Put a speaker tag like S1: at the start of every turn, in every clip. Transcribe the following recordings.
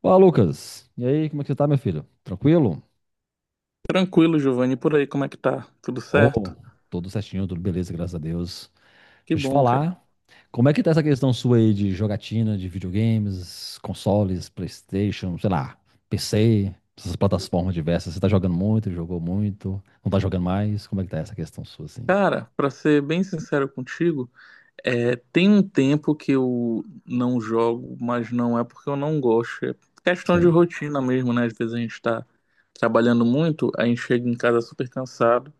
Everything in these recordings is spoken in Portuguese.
S1: Fala, Lucas. E aí, como é que você tá, meu filho? Tranquilo?
S2: Tranquilo, Giovanni. Por aí, como é que tá? Tudo
S1: Oh,
S2: certo?
S1: tudo certinho, tudo beleza, graças a Deus.
S2: Que
S1: Deixa eu te
S2: bom, cara.
S1: falar, como é que tá essa questão sua aí de jogatina, de videogames, consoles, PlayStation, sei lá, PC, essas plataformas diversas. Você tá jogando muito, jogou muito, não tá jogando mais? Como é que tá essa questão sua, assim?
S2: Cara, pra ser bem sincero contigo, tem um tempo que eu não jogo, mas não é porque eu não gosto. É questão de
S1: Sim,
S2: rotina mesmo, né? Às vezes a gente tá trabalhando muito, a gente chega em casa super cansado,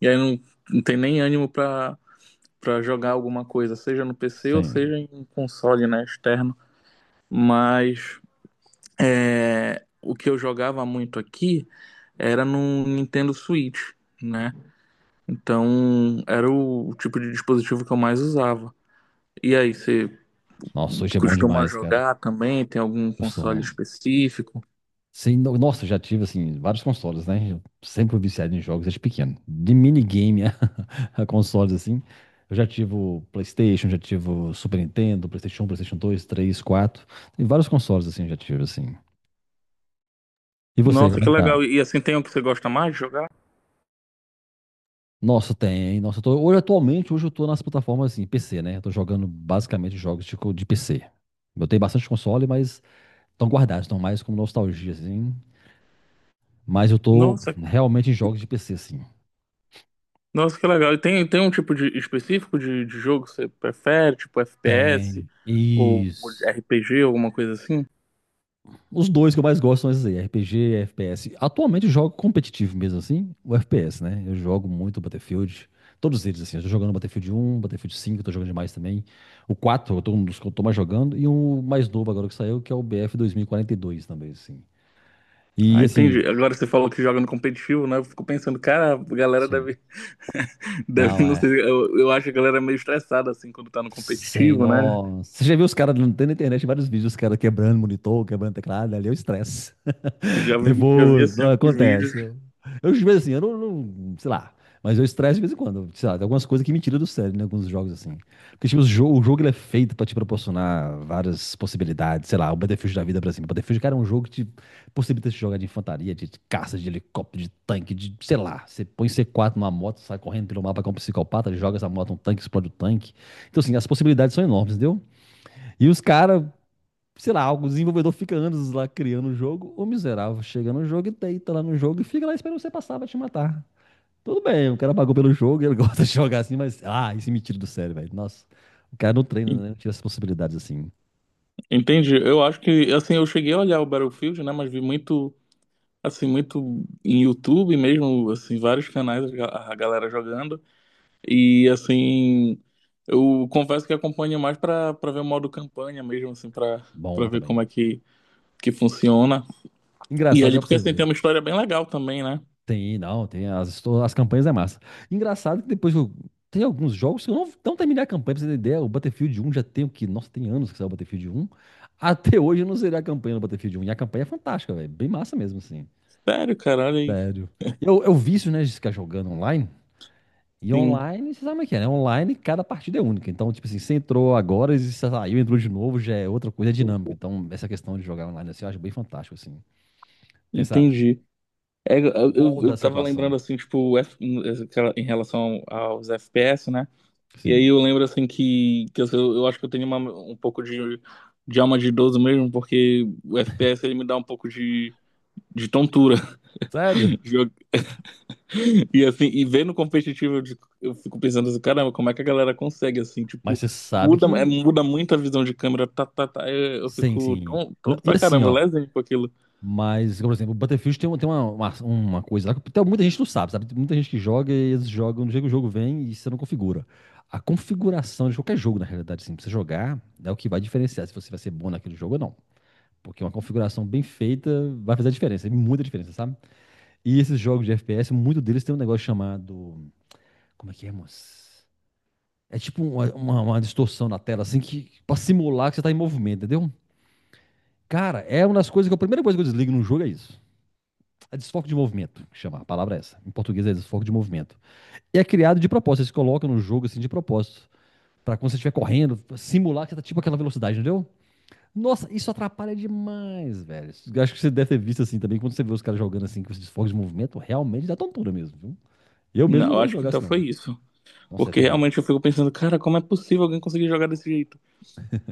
S2: e aí não, não tem nem ânimo pra jogar alguma coisa, seja no PC ou
S1: sim.
S2: seja em console, né, externo. Mas o que eu jogava muito aqui era no Nintendo Switch, né? Então era o tipo de dispositivo que eu mais usava. E aí, você
S1: Nossa, hoje é bom
S2: costuma
S1: demais, cara.
S2: jogar também? Tem algum
S1: Eu sou-
S2: console
S1: um
S2: específico?
S1: Sim, nossa, eu já tive assim vários consoles, né? Eu sempre fui viciado em jogos desde pequeno. De minigame a consoles assim. Eu já tive o PlayStation, já tive o Super Nintendo, PlayStation 1, PlayStation 2, 3, 4 Tem vários consoles assim, eu já tive assim. E você,
S2: Nossa,
S1: como é
S2: que
S1: que tá?
S2: legal. E assim, tem um que você gosta mais de jogar?
S1: Nossa, tem. Nossa, eu tô, hoje atualmente, hoje eu tô nas plataformas assim, PC, né? Eu tô jogando basicamente jogos de, de PC. Eu tenho bastante console, mas estão guardados, estão mais como nostalgia assim. Mas eu tô
S2: Nossa,
S1: realmente em jogos de PC assim.
S2: nossa, que legal. E tem um tipo de específico de jogo que você prefere, tipo FPS
S1: Tem.
S2: ou
S1: Isso.
S2: RPG, alguma coisa assim?
S1: Os dois que eu mais gosto são esses aí, RPG e FPS. Atualmente eu jogo competitivo mesmo assim, o FPS, né? Eu jogo muito Battlefield, todos eles assim. Eu tô jogando Battlefield 1, Battlefield 5, eu tô jogando demais também. O 4, eu tô um dos que eu tô mais jogando. E o mais novo agora que saiu, que é o BF 2042 também, assim.
S2: Ah,
S1: E assim,
S2: entendi. Agora você falou que joga no competitivo, né? Eu fico pensando, cara, a galera
S1: sim.
S2: deve deve,
S1: Não,
S2: não
S1: é.
S2: sei, eu acho que a galera é meio estressada, assim, quando tá no
S1: Sem
S2: competitivo, né?
S1: nossa. Você já viu os caras, não tem na internet vários vídeos, os caras quebrando monitor, quebrando teclado, ali é o estresse.
S2: Já vi,
S1: Nervoso,
S2: assim,
S1: não,
S2: alguns
S1: acontece.
S2: vídeos.
S1: Eu, de vez assim, eu sei lá, mas eu estresse de vez em quando, sei lá, tem algumas coisas que me tiram do sério, né, alguns jogos assim. Porque, tipo, o jogo ele é feito pra te proporcionar várias possibilidades, sei lá, o Battlefield da vida, por exemplo. O Battlefield, cara, é um jogo que te possibilita se jogar de infantaria, de caça, de helicóptero, de tanque, de, sei lá. Você põe C4 numa moto, sai correndo pelo mapa como um psicopata, joga essa moto, um tanque, explode o tanque. Então, assim, as possibilidades são enormes, entendeu? E os caras, sei lá, o desenvolvedor fica anos lá criando o jogo, o miserável chega no jogo e deita lá no jogo e fica lá esperando você passar pra te matar. Tudo bem, o cara pagou pelo jogo, ele gosta de jogar assim, mas, ah, isso me tira do sério, velho. Nossa, o cara não treina, né? Não tira as possibilidades assim.
S2: Entendi. Eu acho que, assim, eu cheguei a olhar o Battlefield, né? Mas vi muito, assim, muito em YouTube mesmo, assim, vários canais, a galera jogando. E, assim, eu confesso que acompanho mais pra ver o modo campanha mesmo, assim, pra
S1: Bom
S2: ver como
S1: também.
S2: é que funciona. E
S1: Engraçado,
S2: ali,
S1: já pra
S2: porque,
S1: você
S2: assim, tem
S1: ver.
S2: uma história bem legal também, né?
S1: Tem, não, tem. As campanhas é massa. Engraçado que depois eu, tem alguns jogos que eu não terminei a campanha, pra você ter ideia. O Battlefield 1 já tem o que? Nossa, tem anos que saiu o Battlefield 1. Até hoje eu não zerei a campanha do Battlefield 1. E a campanha é fantástica, velho. Bem massa mesmo, assim.
S2: Sério, cara, olha aí.
S1: Sério. Eu vício, né, de ficar jogando online. E
S2: Sim,
S1: online, você sabe como é que é, né? Online, cada partida é única. Então, tipo assim, você entrou agora, e você saiu, entrou de novo, já é outra coisa, é dinâmico. Então, essa questão de jogar online, assim, eu acho bem fantástico, assim. Tem essa
S2: entendi. É, eu, eu
S1: molda
S2: eu
S1: a
S2: tava lembrando
S1: situação.
S2: assim, tipo, em relação aos FPS, né? E aí
S1: Sim.
S2: eu lembro assim eu acho que eu tenho um pouco de alma de idoso mesmo, porque o FPS ele me dá um pouco de tontura.
S1: Sério?
S2: Jo- E assim, e vendo competitivo, eu fico pensando assim, caramba, como é que a galera consegue assim,
S1: Mas
S2: tipo,
S1: você sabe que.
S2: muda muito a visão de câmera, eu
S1: Sim,
S2: fico
S1: sim.
S2: tonto
S1: E
S2: pra
S1: assim,
S2: caramba,
S1: ó.
S2: lesinho com aquilo.
S1: Mas, por exemplo, o Battlefield tem, tem uma coisa lá que até muita gente não sabe, sabe? Tem muita gente que joga e eles jogam, do jeito que o jogo vem e você não configura. A configuração de qualquer jogo, na realidade, assim, pra você jogar, é o que vai diferenciar se você vai ser bom naquele jogo ou não. Porque uma configuração bem feita vai fazer a diferença, e muita diferença, sabe? E esses jogos de FPS, muito deles tem um negócio chamado. Como é que é, moço? É tipo uma distorção na tela, assim, que, pra simular que você tá em movimento, entendeu? Cara, é uma das coisas que a primeira coisa que eu desligo num jogo é isso. É desfoque de movimento, que chama. A palavra é essa. Em português é desfoque de movimento. E é criado de propósito. Eles colocam no jogo assim de propósito. Pra quando você estiver correndo, simular que você tá tipo aquela velocidade, entendeu? Nossa, isso atrapalha demais, velho. Eu acho que você deve ter visto assim também. Quando você vê os caras jogando assim com esses desfoques de movimento, realmente dá tontura mesmo, viu? Eu
S2: Não,
S1: mesmo não
S2: eu
S1: gosto de
S2: acho que
S1: jogar
S2: então
S1: assim, não.
S2: foi isso.
S1: Nossa, é
S2: Porque
S1: terrível.
S2: realmente eu fico pensando, cara, como é possível alguém conseguir jogar desse jeito?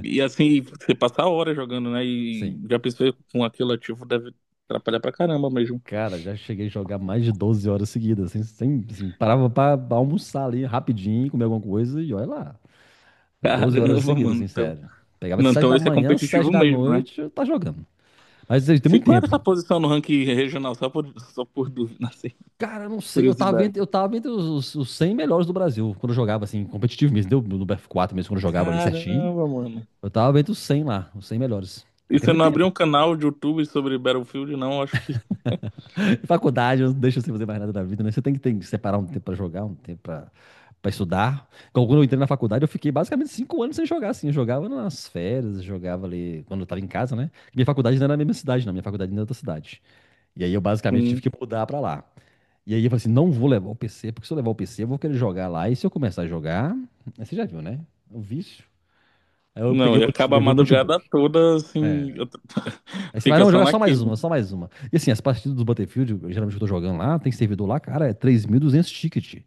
S2: E assim, você passar horas jogando, né? E
S1: Sim.
S2: já pensei com aquilo ativo deve atrapalhar pra caramba mesmo.
S1: Cara, já cheguei a jogar mais de 12 horas seguidas, sem, sem assim, parava pra almoçar ali rapidinho, comer alguma coisa e olha lá. 12 horas
S2: Caramba,
S1: seguidas,
S2: mano.
S1: assim,
S2: Então,
S1: sério. Pegava de
S2: não,
S1: 7
S2: então
S1: da
S2: esse é
S1: manhã, 7
S2: competitivo
S1: da
S2: mesmo, né?
S1: noite, eu tá jogando. Mas assim, tem
S2: Se
S1: muito
S2: qual era
S1: tempo.
S2: essa posição no ranking regional? Só só por dúvida, assim,
S1: Cara, eu não sei, eu tava
S2: curiosidade.
S1: entre, eu tava entre os 100 melhores do Brasil, quando eu jogava, assim, competitivo mesmo, deu no BF 4 mesmo, quando eu jogava ali certinho.
S2: Caramba, mano.
S1: Eu tava entre os 100 lá, os 100 melhores.
S2: E
S1: Mas tem
S2: você
S1: muito
S2: não abriu
S1: tempo.
S2: um canal de YouTube sobre Battlefield, não? Acho que
S1: Faculdade, eu não deixo você fazer mais nada da vida, né? Você tem que separar um tempo pra jogar, um tempo pra, pra estudar. Então, quando eu entrei na faculdade, eu fiquei basicamente 5 anos sem jogar, assim. Eu jogava nas férias, jogava ali quando eu tava em casa, né? Minha faculdade não era na mesma cidade, não. Minha faculdade era em outra cidade. E aí eu basicamente tive que
S2: sim.
S1: mudar pra lá. E aí eu falei assim, não vou levar o PC, porque se eu levar o PC, eu vou querer jogar lá. E se eu começar a jogar, aí você já viu, né? O vício. Aí eu
S2: Não,
S1: peguei,
S2: e acaba a
S1: levei o notebook.
S2: madrugada toda, assim,
S1: É. Aí você vai,
S2: fica
S1: não, vou
S2: só
S1: jogar só mais
S2: naquilo.
S1: uma, só mais uma. E assim, as partidas do Battlefield, geralmente eu tô jogando lá, tem servidor lá, cara, é 3.200 ticket.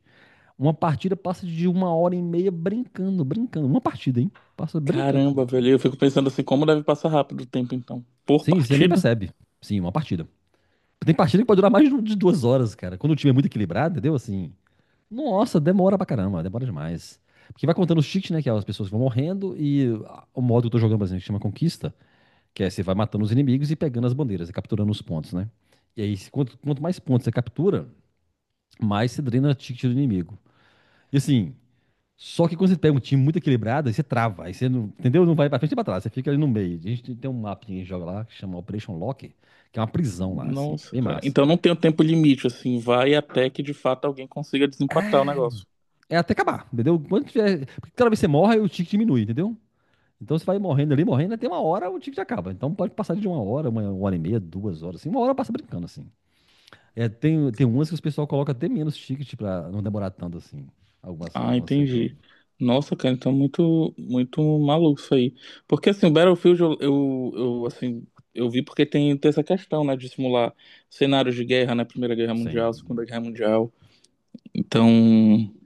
S1: Uma partida passa de uma hora e meia brincando, brincando. Uma partida, hein? Passa brincando assim, uma
S2: Caramba,
S1: hora e
S2: velho. Eu
S1: meia.
S2: fico pensando assim, como deve passar rápido o tempo, então. Por
S1: Sim, você nem
S2: partida?
S1: percebe. Sim, uma partida. Tem partida que pode durar mais de 2 horas, cara. Quando o time é muito equilibrado, entendeu? Assim, nossa, demora pra caramba, demora demais. Porque vai contando os cheats, né? Que é as pessoas que vão morrendo e ah, o modo que eu tô jogando, por exemplo, que chama Conquista, que é você vai matando os inimigos e pegando as bandeiras, e capturando os pontos, né? E aí, quanto, quanto mais pontos você captura, mais você drena cheat do inimigo. E assim, só que quando você pega um time muito equilibrado, aí você trava, aí você não, entendeu? Não vai pra frente e pra trás, você fica ali no meio. A gente tem um mapa que a gente joga lá, que chama Operation Lock, que é uma prisão lá, assim,
S2: Nossa,
S1: bem
S2: cara.
S1: massa.
S2: Então não tem o tempo limite, assim. Vai até que de fato alguém consiga desempatar o negócio.
S1: É até acabar, entendeu? Quando tiver. Porque cada vez que você morre, o tick diminui, entendeu? Então você vai morrendo ali, morrendo, até uma hora o ticket acaba. Então pode passar de uma hora e meia, duas horas, assim. Uma hora passa brincando, assim. É, tem, tem umas que os pessoal coloca até menos ticket pra não demorar tanto, assim. Algumas,
S2: Ah,
S1: algumas que
S2: entendi.
S1: jogam.
S2: Nossa, cara, então muito, muito maluco isso aí. Porque assim, o Battlefield assim, eu vi porque tem essa questão, né, de simular cenários de guerra, né? Primeira Guerra Mundial, Segunda
S1: Sim.
S2: Guerra Mundial. Então,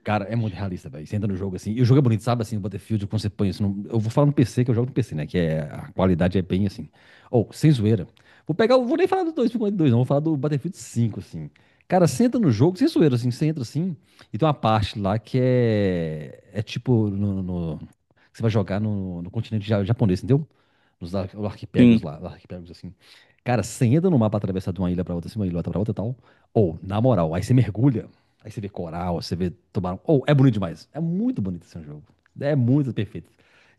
S1: Cara, é muito realista, velho. Você entra no jogo assim. E o jogo é bonito, sabe? Assim, o Battlefield, quando você põe isso. Eu vou falar no PC, que eu jogo no PC, né? Que é... a qualidade é bem assim. Ou, sem zoeira. Vou pegar. Vou nem falar do 2042, não. Vou falar do Battlefield 5, assim. Cara, você entra no jogo, sem zoeira, assim. Você entra assim. E tem uma parte lá que é. É tipo. Você vai jogar no continente japonês, entendeu? Nos arquipélagos
S2: sim.
S1: lá. Arquipélagos assim. Cara, você entra no mapa atravessar de uma ilha pra outra, assim, uma ilha pra outra e tal. Ou, na moral, aí você mergulha. Aí você vê coral, você vê tubarão. Oh, é bonito demais. É muito bonito esse jogo. É muito perfeito.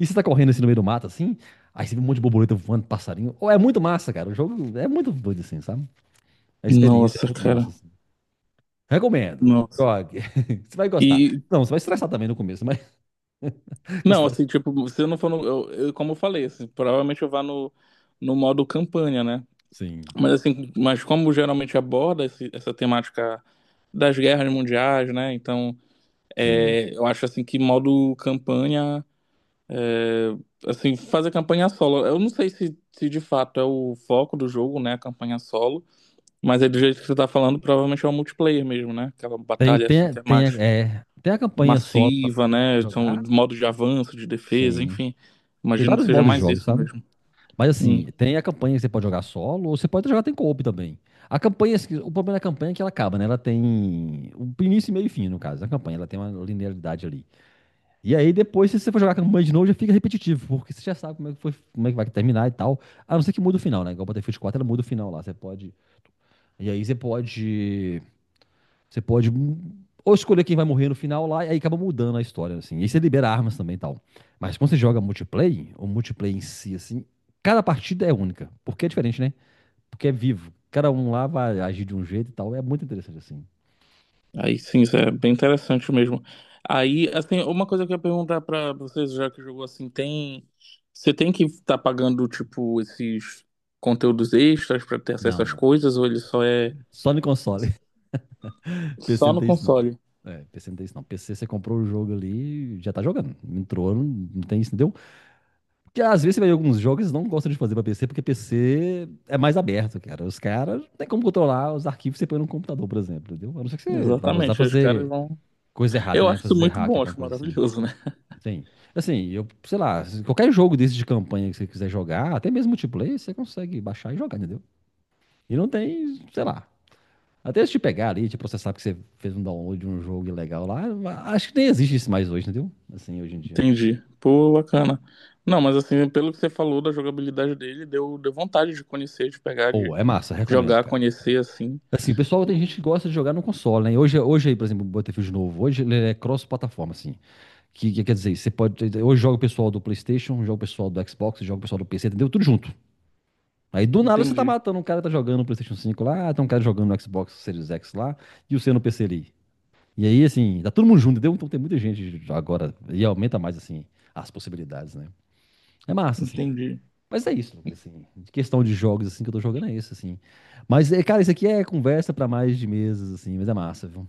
S1: E você tá correndo assim no meio do mato, assim, aí você vê um monte de borboleta voando, passarinho. Oh, é muito massa, cara. O jogo é muito doido, assim, sabe? A experiência é
S2: Nossa,
S1: muito massa,
S2: cara.
S1: assim. Recomendo.
S2: Nossa.
S1: Jogue. Você vai gostar.
S2: E
S1: Não, você vai estressar também no começo, mas que
S2: Não,
S1: estressa.
S2: assim, tipo, se eu não for no. Como eu falei, assim, provavelmente eu vá no modo campanha, né?
S1: Sim,
S2: Mas assim, mas como geralmente aborda essa temática das guerras mundiais, né? Então,
S1: sim.
S2: é, eu acho assim que modo campanha. É, assim, fazer campanha solo. Eu não sei se de fato é o foco do jogo, né? A campanha solo. Mas é do jeito que você tá falando, provavelmente é o multiplayer mesmo, né? Aquela
S1: Tem,
S2: batalha assim
S1: tem,
S2: que é
S1: tem,
S2: mais
S1: é, tem a campanha solo pra
S2: massiva, né? São
S1: jogar.
S2: modo de avanço, de defesa,
S1: Sim.
S2: enfim.
S1: Tem
S2: Imagino que
S1: vários
S2: seja
S1: modos de
S2: mais
S1: jogo,
S2: isso
S1: sabe?
S2: mesmo.
S1: Mas
S2: Hum,
S1: assim, tem a campanha que você pode jogar solo, ou você pode jogar tem co-op também. A campanha, assim, o problema da campanha é que ela acaba, né? Ela tem um início, meio e fim, no caso. A campanha, ela tem uma linearidade ali. E aí depois, se você for jogar a campanha de novo, já fica repetitivo, porque você já sabe como é que foi, como é que vai terminar e tal. A não ser que muda o final, né? Igual o Battlefield 4, ela muda o final lá. Você pode. E aí você pode ou escolher quem vai morrer no final lá, e aí acaba mudando a história, assim. E aí você libera armas também e tal. Mas quando você joga multiplayer, o multiplayer em si, assim, cada partida é única. Porque é diferente, né? Porque é vivo. Cada um lá vai agir de um jeito e tal. É muito interessante, assim.
S2: Aí sim, isso é bem interessante mesmo. Aí, assim, uma coisa que eu ia perguntar pra vocês, já que jogou assim, tem. Você tem que estar pagando, tipo, esses conteúdos extras pra ter acesso
S1: Não,
S2: às
S1: não.
S2: coisas, ou ele só é
S1: Só no console. PC
S2: só
S1: não
S2: no
S1: tem isso, não.
S2: console?
S1: É, PC não tem isso, não. PC você comprou o jogo ali, já tá jogando. Entrou, não, não tem isso, não deu. Porque às vezes você vê alguns jogos que eles não gostam de fazer pra PC, porque PC é mais aberto, cara. Os caras não tem como controlar os arquivos que você põe no computador, por exemplo, entendeu? A não ser que você vai usar
S2: Exatamente,
S1: pra
S2: aí os caras
S1: fazer
S2: vão.
S1: coisa errada,
S2: Eu
S1: né?
S2: acho isso
S1: Fazer
S2: muito
S1: hack,
S2: bom,
S1: alguma
S2: acho
S1: coisa assim.
S2: maravilhoso, né?
S1: Sim. Assim, eu, sei lá, se qualquer jogo desse de campanha que você quiser jogar, até mesmo multiplayer, você consegue baixar e jogar, entendeu? E não tem, sei lá. Até se te pegar ali, te processar porque você fez um download de um jogo ilegal lá, acho que nem existe isso mais hoje, entendeu? Assim, hoje em dia.
S2: Entendi. Pô, bacana. Não, mas assim, pelo que você falou da jogabilidade dele, deu vontade de conhecer, de pegar, de
S1: Ou, é massa, recomendo,
S2: jogar,
S1: cara.
S2: conhecer, assim.
S1: Assim, o pessoal tem gente que gosta de jogar no console, né? Hoje, hoje aí, por exemplo, o Battlefield novo, hoje ele é cross-plataforma, assim. Que quer dizer, você pode. Hoje joga o pessoal do PlayStation, joga o pessoal do Xbox, joga o pessoal do PC, entendeu? Tudo junto. Aí do nada você tá
S2: Entendi,
S1: matando, um cara tá jogando no PlayStation 5 lá, tem um cara jogando no Xbox Series X lá, e o seu no PC ali. E aí, assim, tá todo mundo junto, entendeu? Então tem muita gente agora, e aumenta mais, assim, as possibilidades, né? É massa, assim.
S2: entendi.
S1: Mas é isso, Lucas, assim, de questão de jogos, assim, que eu tô jogando é isso, assim. Mas, é, cara, isso aqui é conversa pra mais de meses, assim, mas é massa, viu?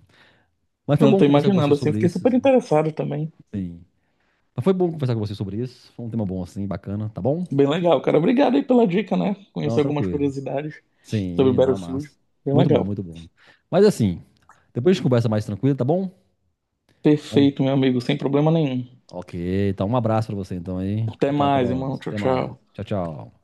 S1: Mas foi
S2: Não tô
S1: bom conversar com
S2: imaginando,
S1: você
S2: assim,
S1: sobre
S2: fiquei
S1: isso,
S2: super
S1: assim.
S2: interessado também.
S1: Sim. Mas foi bom conversar com você sobre isso, foi um tema bom, assim, bacana, tá bom?
S2: Bem legal, cara. Obrigado aí pela dica, né? Conheci
S1: Não,
S2: algumas
S1: tranquilo.
S2: curiosidades sobre
S1: Sim, não, é
S2: Battlefield.
S1: massa.
S2: Bem
S1: Muito bom,
S2: legal.
S1: muito bom. Mas, assim, depois a gente conversa mais tranquilo, tá bom? Vamos-
S2: Perfeito, meu amigo, sem problema nenhum.
S1: Ok, então um abraço pra você, então, aí.
S2: Até
S1: Até a
S2: mais, irmão.
S1: próxima,
S2: Tchau,
S1: até mais.
S2: tchau.
S1: Tchau, tchau.